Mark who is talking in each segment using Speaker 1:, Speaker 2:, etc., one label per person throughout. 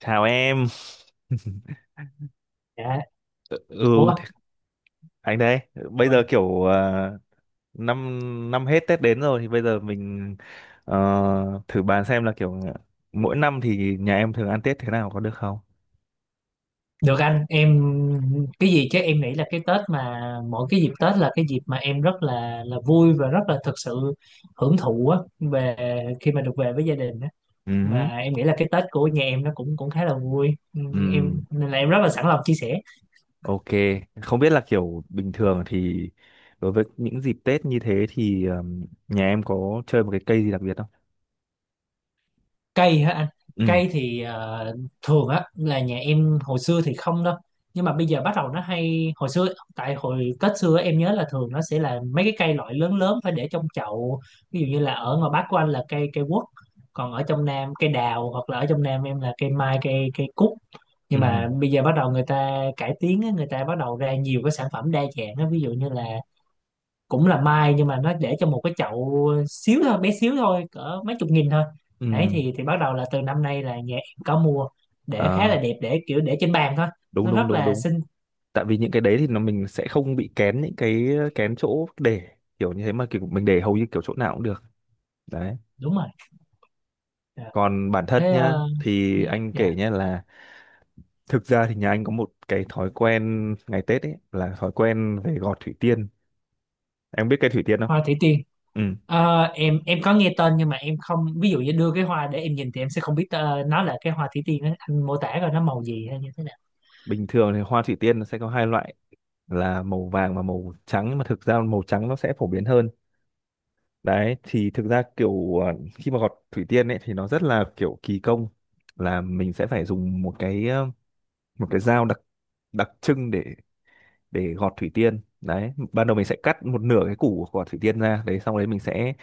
Speaker 1: Chào em.
Speaker 2: Dạ.
Speaker 1: Ừ,
Speaker 2: Ủa,
Speaker 1: th- anh đây. Bây
Speaker 2: rồi,
Speaker 1: giờ kiểu năm năm hết Tết đến rồi, thì bây giờ mình ờ, thử bàn xem là kiểu mỗi năm thì nhà em thường ăn Tết thế nào, có được không?
Speaker 2: được anh, em cái gì chứ em nghĩ là cái Tết mà mỗi cái dịp Tết là cái dịp mà em rất là vui và rất là thực sự hưởng thụ á, về khi mà được về với gia đình á.
Speaker 1: Ừ,
Speaker 2: Mà em nghĩ là cái Tết của nhà em nó cũng cũng khá là vui. Ừ,
Speaker 1: ừ,
Speaker 2: em nên là em rất là sẵn lòng chia sẻ.
Speaker 1: ok. Không biết là kiểu bình thường thì đối với những dịp Tết như thế thì nhà em có chơi một cái cây gì đặc biệt không?
Speaker 2: Cây hả anh?
Speaker 1: Ừ,
Speaker 2: Cây thì thường á là nhà em hồi xưa thì không đâu, nhưng mà bây giờ bắt đầu nó hay hồi xưa. Tại hồi Tết xưa em nhớ là thường nó sẽ là mấy cái cây loại lớn lớn phải để trong chậu, ví dụ như là ở ngoài Bắc của anh là cây cây quất, còn ở trong Nam cây đào, hoặc là ở trong Nam em là cây mai, cây cây cúc.
Speaker 1: ừ,
Speaker 2: Nhưng mà bây giờ bắt đầu người ta cải tiến á, người ta bắt đầu ra nhiều cái sản phẩm đa dạng á, ví dụ như là cũng là mai nhưng mà nó để trong một cái chậu xíu thôi, bé xíu thôi, cỡ mấy chục nghìn thôi. Đấy
Speaker 1: ừ.
Speaker 2: thì bắt đầu là từ năm nay là nhà em có mua, để khá là
Speaker 1: À,
Speaker 2: đẹp, để kiểu để trên bàn thôi,
Speaker 1: đúng
Speaker 2: nó
Speaker 1: đúng
Speaker 2: rất
Speaker 1: đúng
Speaker 2: là
Speaker 1: đúng.
Speaker 2: xinh.
Speaker 1: Tại vì những cái đấy thì nó mình sẽ không bị kén, những cái kén chỗ để kiểu như thế, mà kiểu mình để hầu như kiểu chỗ nào cũng được đấy.
Speaker 2: Đúng rồi. Dạ.
Speaker 1: Còn bản thân
Speaker 2: Thế
Speaker 1: nhá, thì
Speaker 2: dạ
Speaker 1: anh
Speaker 2: dạ.
Speaker 1: kể nhá là thực ra thì nhà anh có một cái thói quen ngày Tết ấy, là thói quen về gọt thủy tiên. Em biết cây thủy tiên không?
Speaker 2: Hoa thủy tiên.
Speaker 1: Ừ.
Speaker 2: Em có nghe tên nhưng mà em không, ví dụ như đưa cái hoa để em nhìn thì em sẽ không biết nó là cái hoa thủy tiên á. Anh mô tả rồi nó màu gì hay như thế nào?
Speaker 1: Bình thường thì hoa thủy tiên nó sẽ có hai loại là màu vàng và màu trắng, nhưng mà thực ra màu trắng nó sẽ phổ biến hơn. Đấy thì thực ra kiểu khi mà gọt thủy tiên ấy thì nó rất là kiểu kỳ công, là mình sẽ phải dùng một cái dao đặc đặc trưng để gọt thủy tiên đấy. Ban đầu mình sẽ cắt một nửa cái củ của quả thủy tiên ra, đấy xong đấy mình sẽ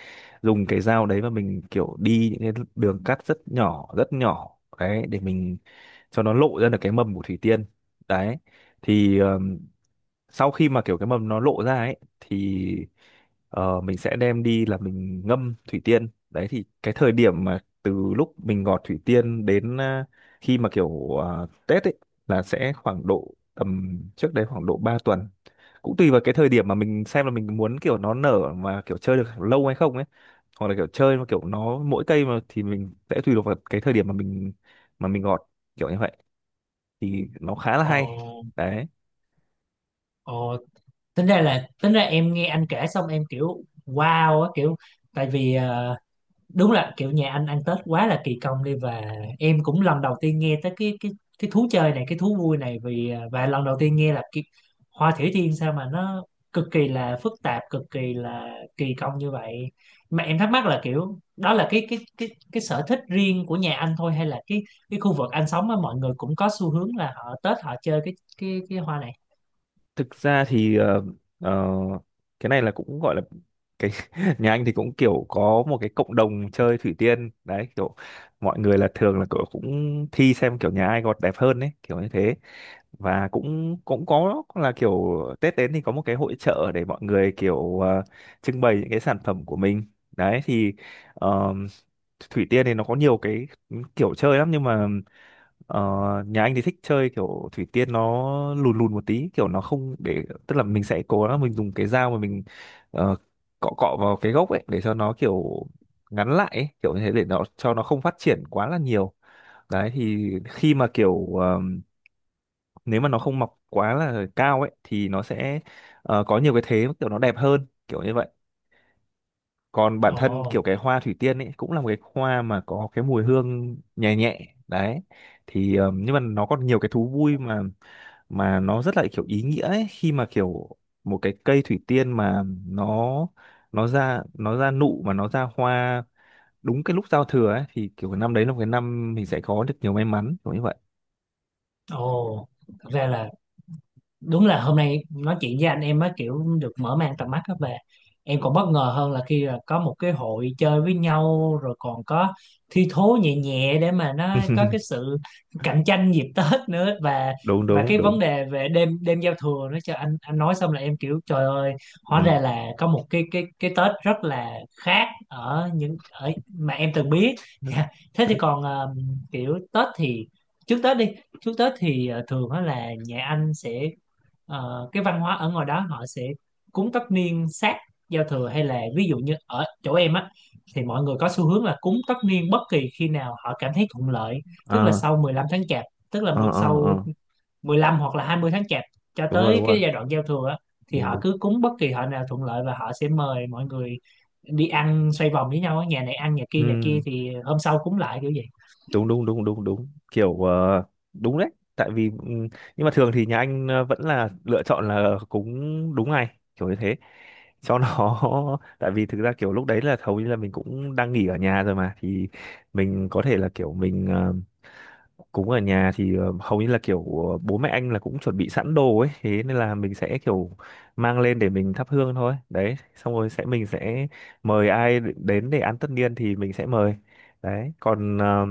Speaker 1: dùng cái dao đấy mà mình kiểu đi những cái đường cắt rất nhỏ đấy, để mình cho nó lộ ra được cái mầm của thủy tiên đấy. Thì sau khi mà kiểu cái mầm nó lộ ra ấy thì mình sẽ đem đi là mình ngâm thủy tiên. Đấy thì cái thời điểm mà từ lúc mình gọt thủy tiên đến khi mà kiểu Tết ấy, là sẽ khoảng độ tầm trước đấy khoảng độ 3 tuần, cũng tùy vào cái thời điểm mà mình xem là mình muốn kiểu nó nở mà kiểu chơi được lâu hay không ấy, hoặc là kiểu chơi mà kiểu nó mỗi cây mà thì mình sẽ tùy thuộc vào cái thời điểm mà mình gọt kiểu như vậy, thì nó khá là hay
Speaker 2: Ồ.
Speaker 1: đấy.
Speaker 2: Ồ. Tính ra là, tính ra em nghe anh kể xong em kiểu wow á, kiểu tại vì đúng là kiểu nhà anh ăn Tết quá là kỳ công đi, và em cũng lần đầu tiên nghe tới cái cái thú chơi này, cái thú vui này, vì à, và lần đầu tiên nghe là cái hoa thủy tiên sao mà nó cực kỳ là phức tạp, cực kỳ là kỳ công như vậy. Mà em thắc mắc là kiểu đó là cái cái sở thích riêng của nhà anh thôi, hay là cái khu vực anh sống á mọi người cũng có xu hướng là họ Tết họ chơi cái cái hoa này?
Speaker 1: Thực ra thì ờ, cái này là cũng gọi là cái nhà anh thì cũng kiểu có một cái cộng đồng chơi thủy tiên đấy, kiểu mọi người là thường là kiểu cũng thi xem kiểu nhà ai gọt đẹp hơn đấy kiểu như thế. Và cũng cũng có là kiểu Tết đến thì có một cái hội chợ để mọi người kiểu trưng bày những cái sản phẩm của mình đấy. Thì ờ, thủy tiên thì nó có nhiều cái kiểu chơi lắm, nhưng mà Ờ, nhà anh thì thích chơi kiểu thủy tiên nó lùn lùn một tí, kiểu nó không để, tức là mình sẽ cố gắng mình dùng cái dao mà mình ờ, cọ cọ vào cái gốc ấy để cho nó kiểu ngắn lại ấy, kiểu như thế để nó cho nó không phát triển quá là nhiều đấy. Thì khi mà kiểu nếu mà nó không mọc quá là cao ấy thì nó sẽ có nhiều cái thế kiểu nó đẹp hơn kiểu như vậy. Còn bản thân
Speaker 2: Ồ.
Speaker 1: kiểu cái hoa thủy tiên ấy cũng là một cái hoa mà có cái mùi hương nhẹ nhẹ đấy. Thì nhưng mà nó còn nhiều cái thú vui mà nó rất là kiểu ý nghĩa ấy, khi mà kiểu một cái cây thủy tiên mà nó nó ra nụ mà nó ra hoa đúng cái lúc giao thừa ấy, thì kiểu cái năm đấy là một cái năm mình sẽ có được nhiều may mắn kiểu như vậy.
Speaker 2: Ồ. Thật ra là, đúng là hôm nay nói chuyện với anh em mới kiểu được mở mang tầm mắt á, về em còn bất ngờ hơn là khi là có một cái hội chơi với nhau rồi còn có thi thố nhẹ nhẹ để mà nó có cái sự cạnh tranh dịp Tết nữa,
Speaker 1: Đúng
Speaker 2: và
Speaker 1: đúng
Speaker 2: cái
Speaker 1: đúng.
Speaker 2: vấn đề về đêm đêm giao thừa nữa, cho anh nói xong là em kiểu trời ơi, hóa ra
Speaker 1: Ừ.
Speaker 2: là có một cái cái Tết rất là khác ở những ở mà em từng biết. Thế thì còn kiểu Tết thì, trước Tết đi, trước Tết thì thường á là nhà anh sẽ, cái văn hóa ở ngoài đó họ sẽ cúng tất niên sát giao thừa, hay là ví dụ như ở chỗ em á thì mọi người có xu hướng là cúng tất niên bất kỳ khi nào họ cảm thấy thuận lợi, tức là
Speaker 1: Ờ,
Speaker 2: sau 15 tháng chạp, tức là
Speaker 1: ờ, ờ,
Speaker 2: sau
Speaker 1: ờ.
Speaker 2: 15 hoặc là 20 tháng chạp cho
Speaker 1: Đúng rồi
Speaker 2: tới
Speaker 1: đúng rồi.
Speaker 2: cái giai đoạn giao thừa á, thì
Speaker 1: Đúng
Speaker 2: họ
Speaker 1: đúng.
Speaker 2: cứ cúng bất kỳ họ nào thuận lợi và họ sẽ mời mọi người đi ăn xoay vòng với nhau á, nhà này ăn nhà kia, nhà kia
Speaker 1: Ừ.
Speaker 2: thì hôm sau cúng lại kiểu vậy.
Speaker 1: Đúng đúng đúng đúng đúng, kiểu đúng đấy. Tại vì nhưng mà thường thì nhà anh vẫn là lựa chọn là cúng đúng ngày kiểu như thế cho nó tại vì thực ra kiểu lúc đấy là hầu như là mình cũng đang nghỉ ở nhà rồi mà, thì mình có thể là kiểu mình cúng ở nhà, thì hầu như là kiểu bố mẹ anh là cũng chuẩn bị sẵn đồ ấy, thế nên là mình sẽ kiểu mang lên để mình thắp hương thôi đấy, xong rồi sẽ mình sẽ mời ai đến để ăn tất niên thì mình sẽ mời đấy. Còn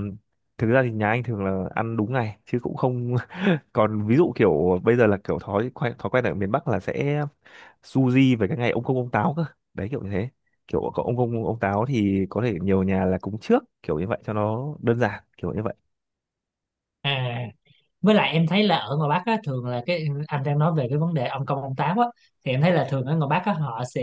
Speaker 1: thực ra thì nhà anh thường là ăn đúng ngày chứ cũng không còn ví dụ kiểu bây giờ là kiểu thói quen ở miền Bắc là sẽ su về cái ngày ông công ông táo cơ đấy kiểu như thế. Kiểu có ông công ông táo thì có thể nhiều nhà là cúng trước kiểu như vậy cho nó đơn giản kiểu như vậy.
Speaker 2: À, với lại em thấy là ở ngoài Bắc á, thường là cái, anh đang nói về cái vấn đề ông công ông táo á, thì em thấy là thường ở ngoài Bắc á, họ sẽ,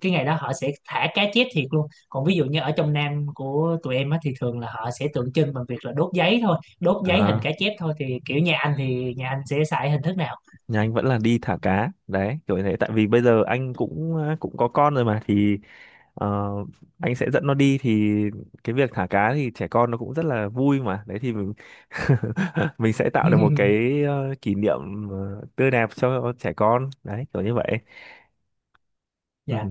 Speaker 2: cái ngày đó họ sẽ thả cá chết thiệt luôn, còn ví dụ như ở trong Nam của tụi em á, thì thường là họ sẽ tượng trưng bằng việc là đốt giấy thôi, đốt giấy hình
Speaker 1: À,
Speaker 2: cá chép thôi, thì kiểu nhà anh thì nhà anh sẽ xài hình thức nào?
Speaker 1: nhà anh vẫn là đi thả cá đấy kiểu như thế, tại vì bây giờ anh cũng cũng có con rồi mà, thì ờ, anh sẽ dẫn nó đi, thì cái việc thả cá thì trẻ con nó cũng rất là vui mà đấy, thì mình mình sẽ tạo được một cái kỷ niệm tươi đẹp cho trẻ con đấy kiểu như vậy.
Speaker 2: Dạ,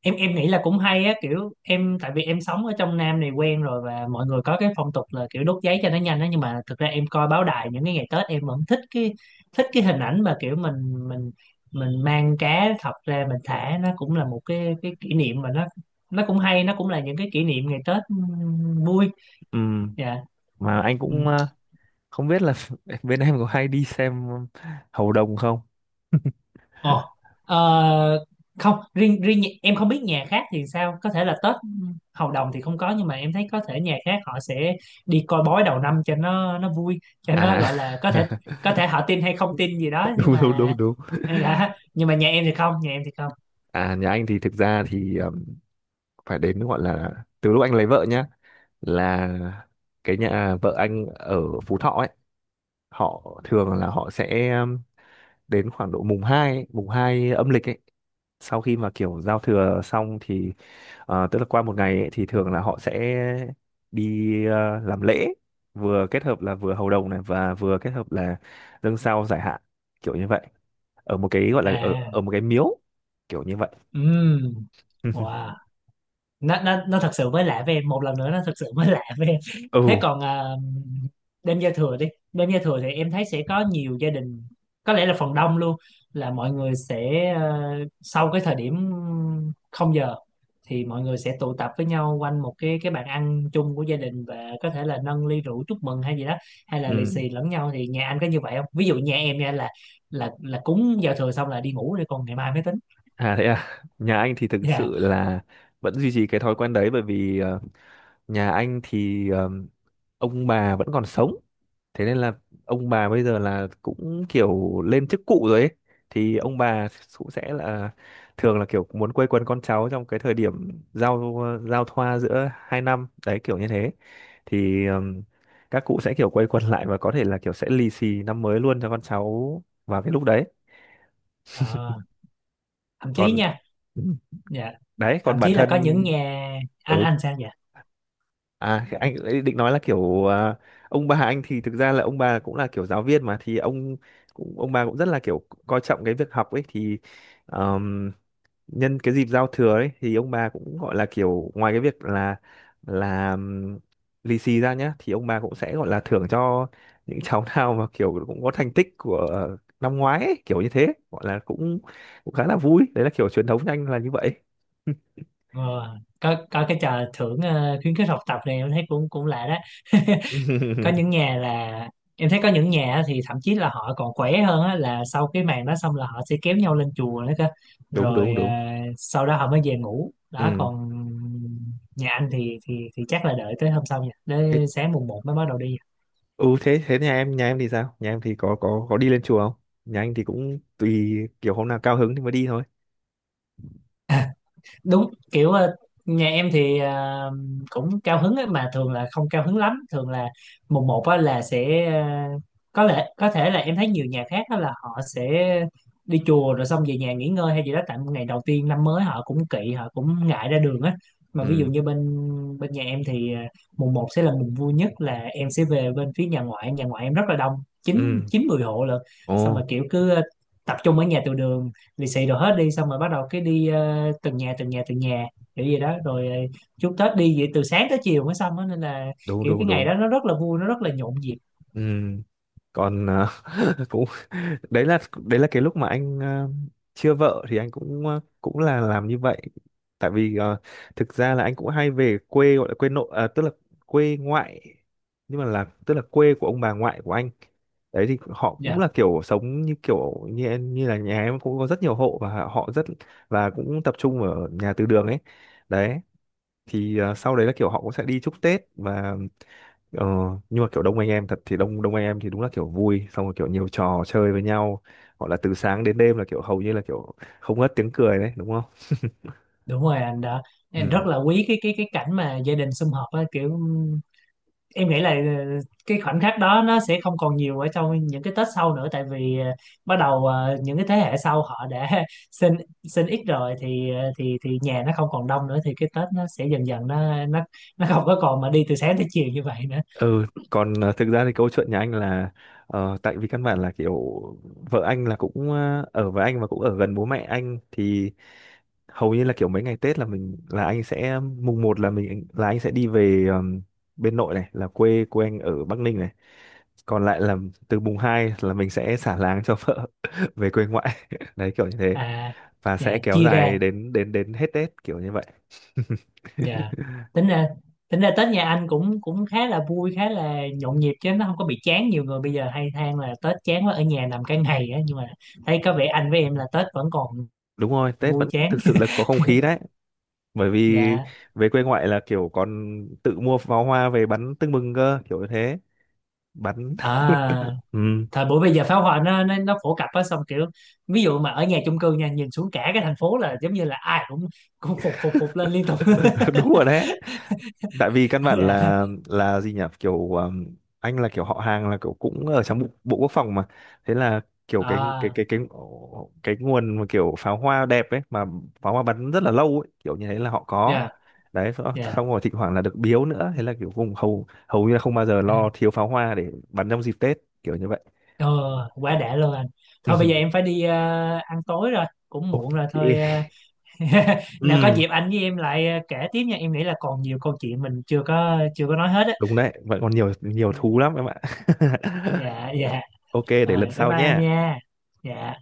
Speaker 2: em nghĩ là cũng hay á, kiểu em tại vì em sống ở trong Nam này quen rồi và mọi người có cái phong tục là kiểu đốt giấy cho nó nhanh á, nhưng mà thực ra em coi báo đài những cái ngày Tết em vẫn thích cái, thích cái hình ảnh mà kiểu mình mình mang cá thật ra mình thả, nó cũng là một cái kỷ niệm mà nó cũng hay, nó cũng là những cái kỷ niệm ngày Tết vui.
Speaker 1: Ừm,
Speaker 2: Dạ.
Speaker 1: mà anh cũng không biết là bên em có hay đi xem hầu đồng không?
Speaker 2: Ồ, ờ, không riêng riêng em không biết nhà khác thì sao, có thể là Tết Hầu Đồng thì không có, nhưng mà em thấy có thể nhà khác họ sẽ đi coi bói đầu năm cho nó vui, cho nó
Speaker 1: À.
Speaker 2: gọi là có thể, có thể họ tin hay không tin gì đó, nhưng
Speaker 1: Đúng đúng
Speaker 2: mà
Speaker 1: đúng đúng.
Speaker 2: đã, nhưng mà nhà em thì không, nhà em thì không.
Speaker 1: À nhà anh thì thực ra thì phải đến gọi là từ lúc anh lấy vợ nhá, là cái nhà vợ anh ở Phú Thọ ấy, họ thường là họ sẽ đến khoảng độ mùng 2 ấy, mùng 2 âm lịch ấy, sau khi mà kiểu giao thừa xong thì tức là qua một ngày ấy, thì thường là họ sẽ đi làm lễ, vừa kết hợp là vừa hầu đồng này, và vừa kết hợp là dâng sao giải hạn kiểu như vậy, ở một cái gọi là ở
Speaker 2: À.
Speaker 1: ở một cái miếu kiểu như vậy.
Speaker 2: Ừm, wow, nó thật sự mới lạ với em, một lần nữa nó thật sự mới lạ với em.
Speaker 1: Ừ,
Speaker 2: Thế còn à, đêm giao thừa đi, đêm giao thừa thì em thấy sẽ có nhiều gia đình, có lẽ là phần đông luôn, là mọi người sẽ sau cái thời điểm không giờ thì mọi người sẽ tụ tập với nhau quanh một cái bàn ăn chung của gia đình, và có thể là nâng ly rượu chúc mừng hay gì đó, hay là lì
Speaker 1: ừ.
Speaker 2: xì lẫn nhau, thì nhà anh có như vậy không? Ví dụ nhà em nha là, là cúng giao thừa xong là đi ngủ để còn ngày mai mới tính.
Speaker 1: À thế à, nhà anh thì thực
Speaker 2: Dạ.
Speaker 1: sự là vẫn duy trì cái thói quen đấy, bởi vì nhà anh thì ông bà vẫn còn sống. Thế nên là ông bà bây giờ là cũng kiểu lên chức cụ rồi ấy. Thì ông bà cũng sẽ là thường là kiểu muốn quây quần con cháu trong cái thời điểm giao thoa giữa hai năm đấy kiểu như thế. Thì các cụ sẽ kiểu quây quần lại và có thể là kiểu sẽ lì xì năm mới luôn cho con cháu vào cái lúc đấy.
Speaker 2: Ờ, thậm chí
Speaker 1: Còn
Speaker 2: nha, dạ,
Speaker 1: đấy
Speaker 2: thậm
Speaker 1: còn bản
Speaker 2: chí là
Speaker 1: thân
Speaker 2: có những nhà,
Speaker 1: ừ
Speaker 2: anh sao vậy?
Speaker 1: à anh ấy định nói là kiểu ông bà anh thì thực ra là ông bà cũng là kiểu giáo viên mà, thì ông bà cũng rất là kiểu coi trọng cái việc học ấy, thì ờm, nhân cái dịp giao thừa ấy thì ông bà cũng gọi là kiểu ngoài cái việc là là ừm, lì xì ra nhá, thì ông bà cũng sẽ gọi là thưởng cho những cháu nào mà kiểu cũng có thành tích của năm ngoái ấy, kiểu như thế gọi là cũng cũng khá là vui đấy, là kiểu truyền thống nhanh là như vậy.
Speaker 2: ờ, có cái trò thưởng khuyến khích học tập này em thấy cũng cũng lạ đó. Có những nhà là, em thấy có những nhà á thì thậm chí là họ còn khỏe hơn á, là sau cái màn đó xong là họ sẽ kéo nhau lên chùa nữa cơ,
Speaker 1: Đúng đúng
Speaker 2: rồi
Speaker 1: đúng.
Speaker 2: sau đó họ mới về ngủ đó,
Speaker 1: ừ
Speaker 2: còn nhà anh thì thì chắc là đợi tới hôm sau nha,
Speaker 1: thế
Speaker 2: tới sáng mùng một mới bắt đầu đi.
Speaker 1: ừ thế thế nhà em, thì sao, nhà em thì có đi lên chùa không? Nhà anh thì cũng tùy, kiểu hôm nào cao hứng thì mới đi thôi.
Speaker 2: Đúng, kiểu nhà em thì cũng cao hứng ấy, mà thường là không cao hứng lắm, thường là mùng một á là sẽ có lẽ, có thể là em thấy nhiều nhà khác đó là họ sẽ đi chùa rồi xong về nhà nghỉ ngơi hay gì đó, tại ngày đầu tiên năm mới họ cũng kỵ họ cũng ngại ra đường á. Mà ví dụ
Speaker 1: Ừ,
Speaker 2: như bên, bên nhà em thì mùng một sẽ là mùng vui nhất, là em sẽ về bên phía nhà ngoại, nhà ngoại em rất là đông, chín
Speaker 1: ừ.
Speaker 2: chín mười hộ lận,
Speaker 1: Ồ.
Speaker 2: xong mà kiểu cứ tập trung ở nhà từ đường lì xì đồ hết đi, xong rồi bắt đầu cái đi từng nhà từng nhà từng nhà kiểu gì đó, rồi chúc Tết đi vậy từ sáng tới chiều mới xong á, nên là
Speaker 1: Đúng
Speaker 2: kiểu
Speaker 1: đúng
Speaker 2: cái ngày
Speaker 1: đúng.
Speaker 2: đó nó rất là vui, nó rất là nhộn nhịp.
Speaker 1: Ừ còn cũng đấy là cái lúc mà anh chưa vợ, thì anh cũng là làm như vậy, tại vì thực ra là anh cũng hay về quê gọi là quê nội à, tức là quê ngoại, nhưng mà là tức là quê của ông bà ngoại của anh đấy, thì họ cũng
Speaker 2: Dạ
Speaker 1: là kiểu sống như kiểu như như là nhà em, cũng có rất nhiều hộ và họ rất, và cũng tập trung ở nhà từ đường ấy đấy. Thì sau đấy là kiểu họ cũng sẽ đi chúc Tết và Ờ, nhưng mà kiểu đông anh em thật, thì đông đông anh em thì đúng là kiểu vui, xong rồi kiểu nhiều trò chơi với nhau, gọi là từ sáng đến đêm là kiểu hầu như là kiểu không ngớt tiếng cười đấy, đúng không?
Speaker 2: đúng rồi anh, đã em rất
Speaker 1: Ừ,
Speaker 2: là quý cái cái cảnh mà gia đình sum họp á, kiểu em nghĩ là cái khoảnh khắc đó nó sẽ không còn nhiều ở trong những cái Tết sau nữa, tại vì bắt đầu những cái thế hệ sau họ đã sinh sinh ít rồi, thì thì nhà nó không còn đông nữa, thì cái Tết nó sẽ dần dần nó nó không có còn mà đi từ sáng tới chiều như vậy nữa.
Speaker 1: ừ. Còn thực ra thì câu chuyện nhà anh là tại vì căn bản là kiểu vợ anh là cũng ở với anh và cũng ở gần bố mẹ anh, thì hầu như là kiểu mấy ngày Tết là mình là anh sẽ mùng một là mình là anh sẽ đi về, bên nội này là quê quê anh ở Bắc Ninh này, còn lại là từ mùng 2 là mình sẽ xả láng cho vợ về quê ngoại đấy kiểu như thế.
Speaker 2: À,
Speaker 1: Và
Speaker 2: dạ
Speaker 1: sẽ kéo
Speaker 2: chia ra,
Speaker 1: dài đến đến đến hết Tết kiểu như vậy.
Speaker 2: dạ. Tính ra, tính ra Tết nhà anh cũng cũng khá là vui, khá là nhộn nhịp, chứ nó không có bị chán. Nhiều người bây giờ hay than là Tết chán quá ở nhà nằm cả ngày á, nhưng mà thấy có vẻ anh với em là Tết vẫn còn
Speaker 1: Đúng rồi, Tết
Speaker 2: vui
Speaker 1: vẫn
Speaker 2: chán.
Speaker 1: thực sự là có không khí đấy, bởi vì
Speaker 2: Dạ.
Speaker 1: về quê ngoại là kiểu còn tự mua pháo hoa về bắn tưng bừng cơ kiểu như thế, bắn.
Speaker 2: À,
Speaker 1: Ừ.
Speaker 2: thời buổi bây giờ pháo hoa nó phổ cập á, xong kiểu ví dụ mà ở nhà chung cư nha, nhìn xuống cả cái thành phố là giống như là ai cũng cũng phục phục phục lên liên tục.
Speaker 1: Đúng rồi đấy, tại vì căn bản
Speaker 2: Dạ.
Speaker 1: là gì nhỉ, kiểu anh là kiểu họ hàng là kiểu cũng ở trong bộ quốc phòng mà, thế là kiểu
Speaker 2: À.
Speaker 1: cái nguồn mà kiểu pháo hoa đẹp ấy mà, pháo hoa bắn rất là lâu ấy kiểu như thế là họ có
Speaker 2: Dạ
Speaker 1: đấy, xong
Speaker 2: dạ.
Speaker 1: xong rồi thỉnh thoảng là được biếu nữa, thế là kiểu vùng hầu hầu như là không bao giờ lo thiếu pháo hoa để bắn trong dịp Tết kiểu như vậy.
Speaker 2: Ờ, quá đã luôn anh. Thôi bây giờ em phải đi ăn tối rồi, cũng muộn
Speaker 1: Ok.
Speaker 2: rồi thôi. Ờ. Nào có
Speaker 1: Ừ,
Speaker 2: dịp anh với em lại kể tiếp nha. Em nghĩ là còn nhiều câu chuyện mình chưa có nói hết á.
Speaker 1: đúng đấy, vẫn còn nhiều nhiều thú lắm em ạ.
Speaker 2: Dạ dạ.
Speaker 1: Ok để lần
Speaker 2: Rồi bye
Speaker 1: sau
Speaker 2: bye anh
Speaker 1: nhé.
Speaker 2: nha. Dạ.